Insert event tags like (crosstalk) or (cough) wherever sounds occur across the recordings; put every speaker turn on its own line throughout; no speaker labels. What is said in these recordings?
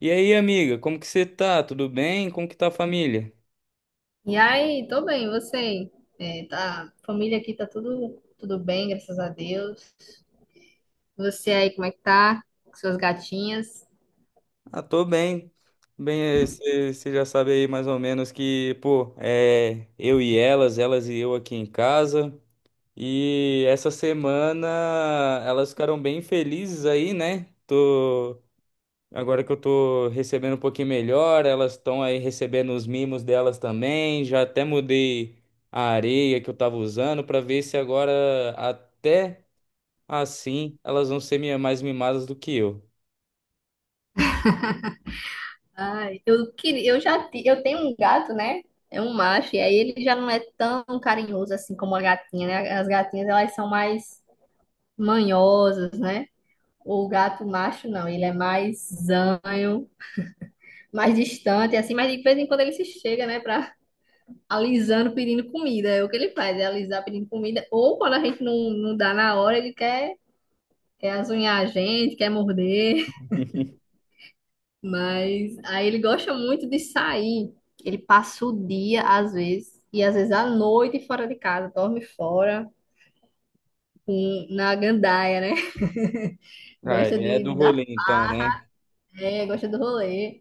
E aí, amiga, como que você tá? Tudo bem? Como que tá a família?
E aí, tô bem, e você? É, tá, família aqui tá tudo bem, graças a Deus. Você aí, como é que tá? Com suas gatinhas?
Ah, tô bem. Bem, você já sabe aí mais ou menos que, pô, é eu e elas e eu aqui em casa. E essa semana elas ficaram bem felizes aí, né? Agora que eu tô recebendo um pouquinho melhor, elas estão aí recebendo os mimos delas também. Já até mudei a areia que eu tava usando pra ver se agora até assim, elas vão ser mais mimadas do que eu.
Ai, eu queria, eu tenho um gato, né? É um macho, e aí ele já não é tão carinhoso assim como a gatinha, né? As gatinhas, elas são mais manhosas, né? O gato macho, não, ele é mais zanho, mais distante, assim, mas de vez em quando ele se chega, né, pra alisando pedindo comida. É o que ele faz, é alisar pedindo comida. Ou quando a gente não dá na hora, ele quer azunhar a gente, quer morder.
(laughs)
(laughs) Mas aí ele gosta muito de sair. Ele passa o dia, às vezes, e às vezes à noite fora de casa, dorme fora, na gandaia, né? (laughs)
Ah,
Gosta
ele é
de
do
dar
rolê então, né?
pé, gosta do rolê,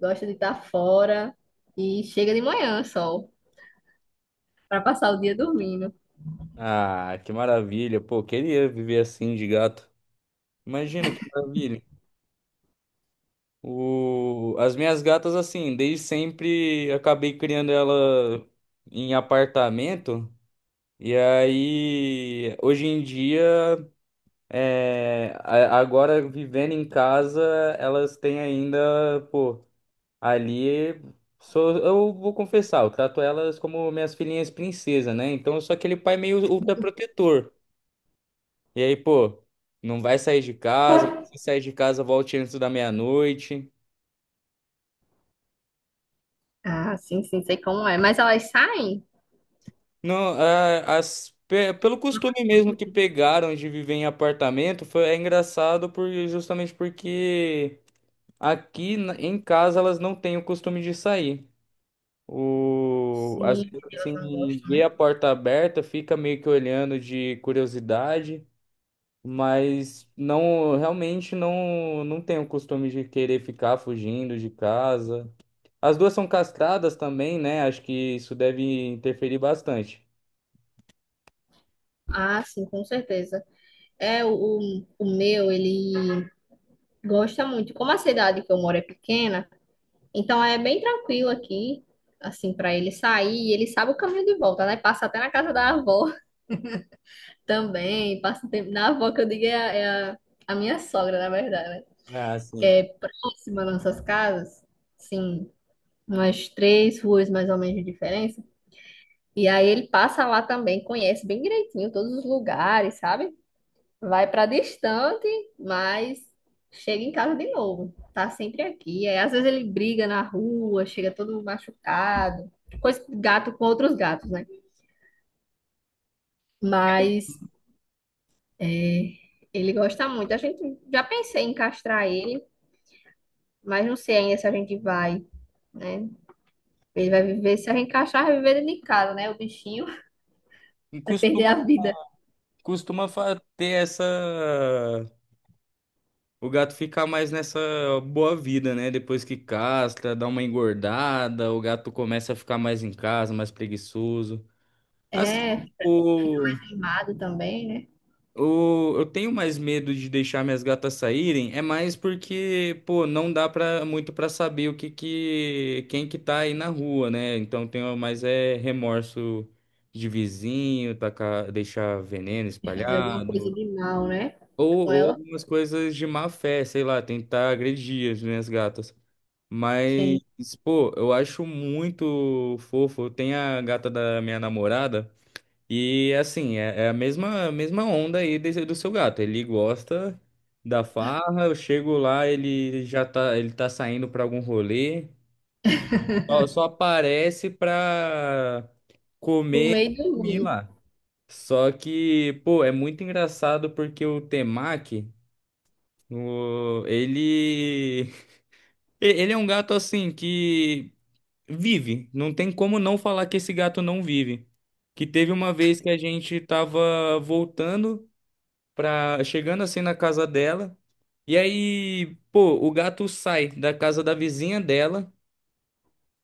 gosta de estar fora. E chega de manhã só, para passar o dia dormindo.
Ah, que maravilha. Pô, queria viver assim de gato. Imagina que maravilha. As minhas gatas, assim, desde sempre acabei criando ela em apartamento. E aí, hoje em dia, agora vivendo em casa, elas têm ainda, pô. Ali, sou, eu vou confessar, eu trato elas como minhas filhinhas princesa, né? Então eu sou aquele pai meio ultraprotetor. E aí, pô, não vai sair de casa, mas se sair de casa, volte antes da meia-noite.
Ah, sim, sim, sei como é. Mas elas saem?
Não, é, pelo costume mesmo que pegaram de viver em apartamento, foi, é engraçado por, justamente porque em casa elas não têm o costume de sair. O, às
Sim,
vezes,
elas não
assim,
gostam.
ver a porta aberta, fica meio que olhando de curiosidade, mas não, realmente não tenho o costume de querer ficar fugindo de casa. As duas são castradas também, né? Acho que isso deve interferir bastante.
Ah, sim, com certeza. É, o meu, ele gosta muito. Como a cidade que eu moro é pequena, então é bem tranquilo aqui, assim, para ele sair. E ele sabe o caminho de volta, né? Passa até na casa da avó (laughs) também. Passa tempo na avó, que eu digo, a minha sogra, na verdade, né?
Ah,
Que
sim.
é próxima das nossas casas, sim, umas três ruas mais ou menos de diferença. E aí ele passa lá também, conhece bem direitinho todos os lugares, sabe? Vai para distante, mas chega em casa de novo. Tá sempre aqui. É, às vezes ele briga na rua, chega todo machucado. Coisa gato com outros gatos, né? Mas é, ele gosta muito. A gente já pensei em castrar ele, mas não sei ainda se a gente vai, né? Ele vai viver, se a gente castrar, vai viver dentro de casa, né? O bichinho (laughs)
E
vai perder a
costuma,
vida.
costuma ter essa. O gato ficar mais nessa boa vida, né? Depois que castra, dá uma engordada, o gato começa a ficar mais em casa, mais preguiçoso. Assim,
É,
o,
queimado também, né?
eu tenho mais medo de deixar minhas gatas saírem, é mais porque, pô, não dá pra, muito pra saber o que que, quem que tá aí na rua, né? Então tenho mais é remorso de vizinho, tacar, deixar veneno
Vai fazer alguma
espalhado,
coisa de mal, né? Com
ou
ela,
algumas coisas de má fé, sei lá, tentar agredir as minhas gatas. Mas,
sim.
pô, eu acho muito fofo. Tem a gata da minha namorada. E assim, é, é a mesma onda aí do seu gato. Ele gosta da farra, eu chego lá, ele tá saindo pra algum rolê. Só aparece pra
Por
comer e
meio do
dormir
dormir.
lá. Só que, pô, é muito engraçado porque o Temaki, o, ele, (laughs) ele é um gato assim que vive. Não tem como não falar que esse gato não vive. Que teve uma vez que a gente tava voltando pra, chegando assim na casa dela. E aí, pô, o gato sai da casa da vizinha dela,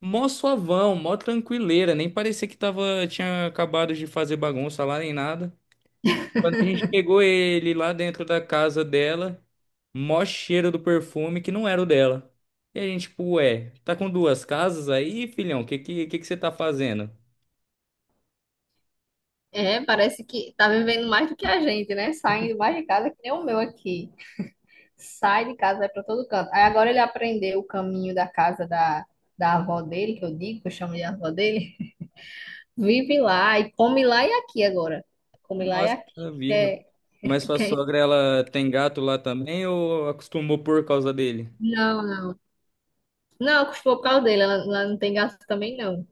mó suavão, mó tranquileira, nem parecia que tava, tinha acabado de fazer bagunça lá nem nada. Quando a gente pegou ele lá dentro da casa dela, mó cheiro do perfume que não era o dela. E a gente, tipo, ué, tá com duas casas aí, filhão? Que você tá fazendo?
É, parece que tá vivendo mais do que a gente, né? Saindo mais de casa que nem o meu aqui. Sai de casa, vai pra todo canto. Aí agora ele aprendeu o caminho da casa da, da avó dele, que eu digo, que eu chamo de avó dele. Vive lá e come lá e aqui agora. Come lá e
Nossa, que
aqui.
maravilha.
É,
Mas sua
que-
sogra, ela tem gato lá também ou acostumou por causa dele?
não, não. Não, custou por causa dele. Ela não tem gasto também, não.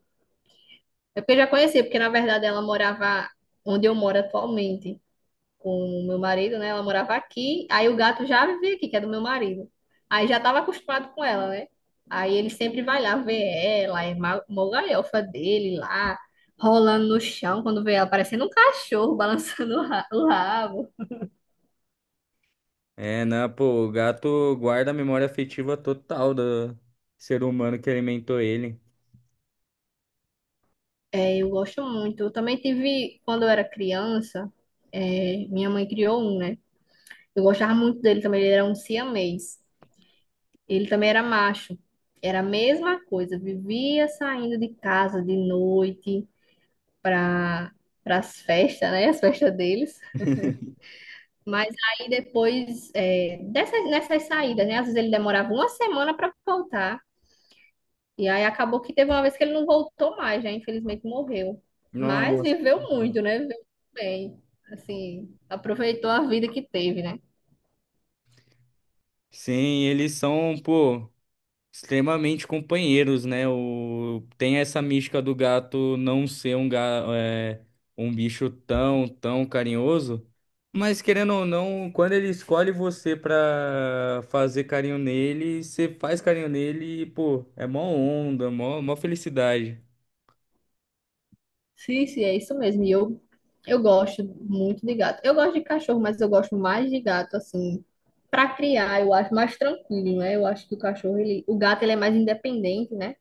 É porque eu já conhecia, porque na verdade ela morava onde eu moro atualmente com o meu marido, né? Ela morava aqui, aí o gato já vivia aqui, que é do meu marido. Aí já estava acostumado com ela, né? Aí ele sempre vai lá ver ela, é ma- mó galhofa dele lá, rolando no chão quando vê ela, parecendo um cachorro (laughs) balançando o rabo.
É, né? Pô, o gato guarda a memória afetiva total do ser humano que alimentou ele.
É, eu gosto muito. Eu também tive, quando eu era criança, é, minha mãe criou um, né? Eu gostava muito dele também, ele era um siamês. Ele também era macho. Era a mesma coisa, vivia saindo de casa de noite, para as festas, né? As festas deles. Mas aí depois, é, dessas, nessas saídas, né? Às vezes ele demorava uma semana para voltar. E aí acabou que teve uma vez que ele não voltou mais, né? Infelizmente morreu. Mas
Nossa.
viveu muito, né? Viveu muito bem. Assim, aproveitou a vida que teve, né?
Sim, eles são, pô, extremamente companheiros, né? Tem essa mística do gato não ser um, é, um bicho tão, tão carinhoso, mas querendo ou não, quando ele escolhe você pra fazer carinho nele, você faz carinho nele e, pô, é mó onda, mó, mó felicidade.
Sim, sim, é isso mesmo. E eu gosto muito de gato. Eu gosto de cachorro, mas eu gosto mais de gato, assim, para criar, eu acho mais tranquilo, né? Eu acho que o cachorro, ele, o gato, ele é mais independente, né?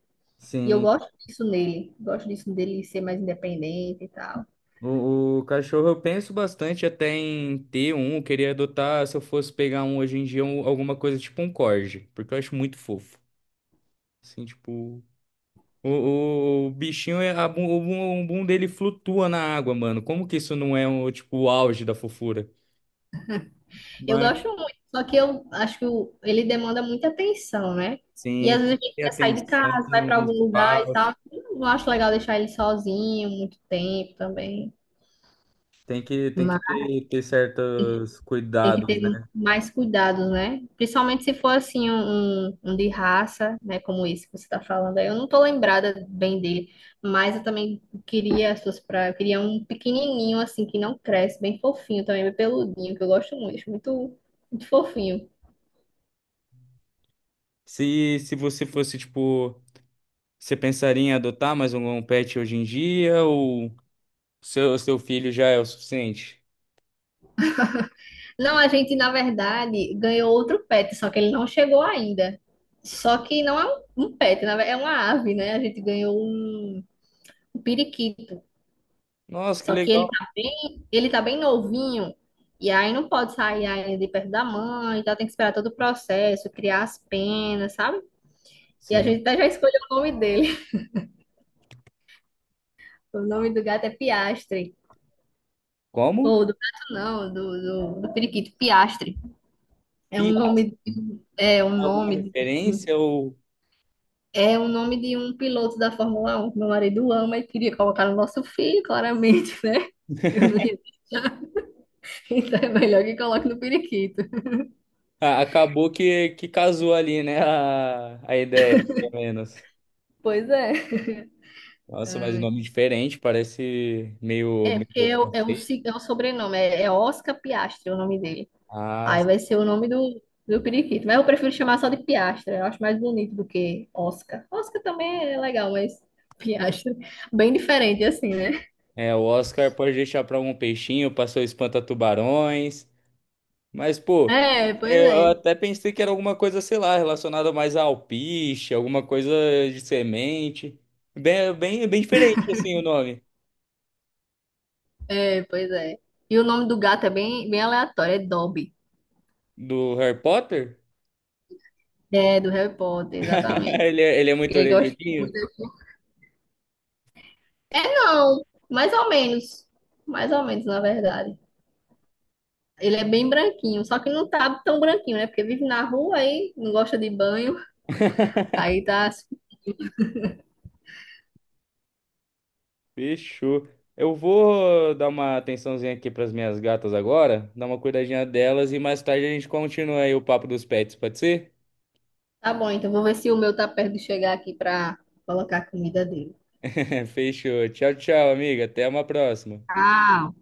E eu
Sim.
gosto disso nele. Gosto disso dele ser mais independente e tal.
O cachorro eu penso bastante até em ter um, eu queria adotar se eu fosse pegar um hoje em dia, alguma coisa tipo um corgi, porque eu acho muito fofo. Assim, tipo, o bichinho, é, o bum dele flutua na água, mano. Como que isso não é um, tipo, o auge da fofura?
Eu
Mas,
gosto muito, só que eu acho que ele demanda muita atenção, né? E
sim,
às
tem
vezes
que
a gente
ter
quer sair de
atenção,
casa, vai
um
para algum lugar e
espaço,
tal. Eu não acho legal deixar ele sozinho muito tempo também.
tem que ter, ter certos
Tem que
cuidados,
ter
né?
mais cuidados, né? Principalmente se for assim um, um de raça, né? Como esse que você está falando aí. Eu não tô lembrada bem dele, mas eu também queria as suas pra eu queria um pequenininho assim que não cresce, bem fofinho também, bem peludinho, que eu gosto muito, acho muito, muito fofinho.
Se você fosse, tipo, você pensaria em adotar mais um pet hoje em dia ou... Seu, seu filho já é o suficiente?
Não, a gente na verdade ganhou outro pet, só que ele não chegou ainda. Só que não é um pet, na verdade, é uma ave, né? A gente ganhou um periquito.
Nossa, que
Só que
legal.
ele tá bem novinho. E aí não pode sair ainda de perto da mãe, então tem que esperar todo o processo, criar as penas, sabe? E a
Sim.
gente até já escolheu o nome dele. (laughs) O nome do gato é Piastre.
Como?
Ou do gato não, do periquito, Piastre. É um nome, de-
Piastre.
um, é um
Alguma
nome, de-
referência ou
é um nome de um piloto da Fórmula 1 meu marido ama e queria colocar no nosso filho, claramente, né? Eu não ia deixar, (laughs) então é melhor que coloque no periquito.
ah, acabou que casou ali, né? A ideia, pelo menos.
Pois é.
Nossa, mas um nome diferente, parece meio,
É,
meio
porque
francês.
é o sobrenome, é Oscar Piastri o nome dele.
Ah,
Aí vai ser o nome do, do periquito. Mas eu prefiro chamar só de Piastra, eu acho mais bonito do que Oscar. Oscar também é legal, mas (laughs) Piastra, bem diferente assim, né?
é, o Oscar pode deixar para um peixinho, passou espanta-tubarões. Mas, pô,
É, pois
é, eu
é.
até pensei que era alguma coisa, sei lá, relacionada mais a alpiste, alguma coisa de semente. Bem, bem, bem diferente, assim, o nome
É, pois é. E o nome do gato é bem, bem aleatório, é Dobby.
do Harry Potter.
É, do Harry Potter,
(laughs)
exatamente.
Ele é muito
Ele gosta muito.
orelhudinho.
É, não, mais ou menos. Mais ou menos, na verdade. Ele é bem branquinho, só que não tá tão branquinho, né? Porque vive na rua aí, não gosta de banho. Aí tá,
Fechou. Eu vou dar uma atençãozinha aqui para as minhas gatas agora, dar uma cuidadinha delas e mais tarde a gente continua aí o papo dos pets, pode ser?
tá bom, então vou ver se o meu tá perto de chegar aqui pra colocar a comida dele.
(laughs) Fechou. Tchau, tchau, amiga. Até uma próxima.
Tchau.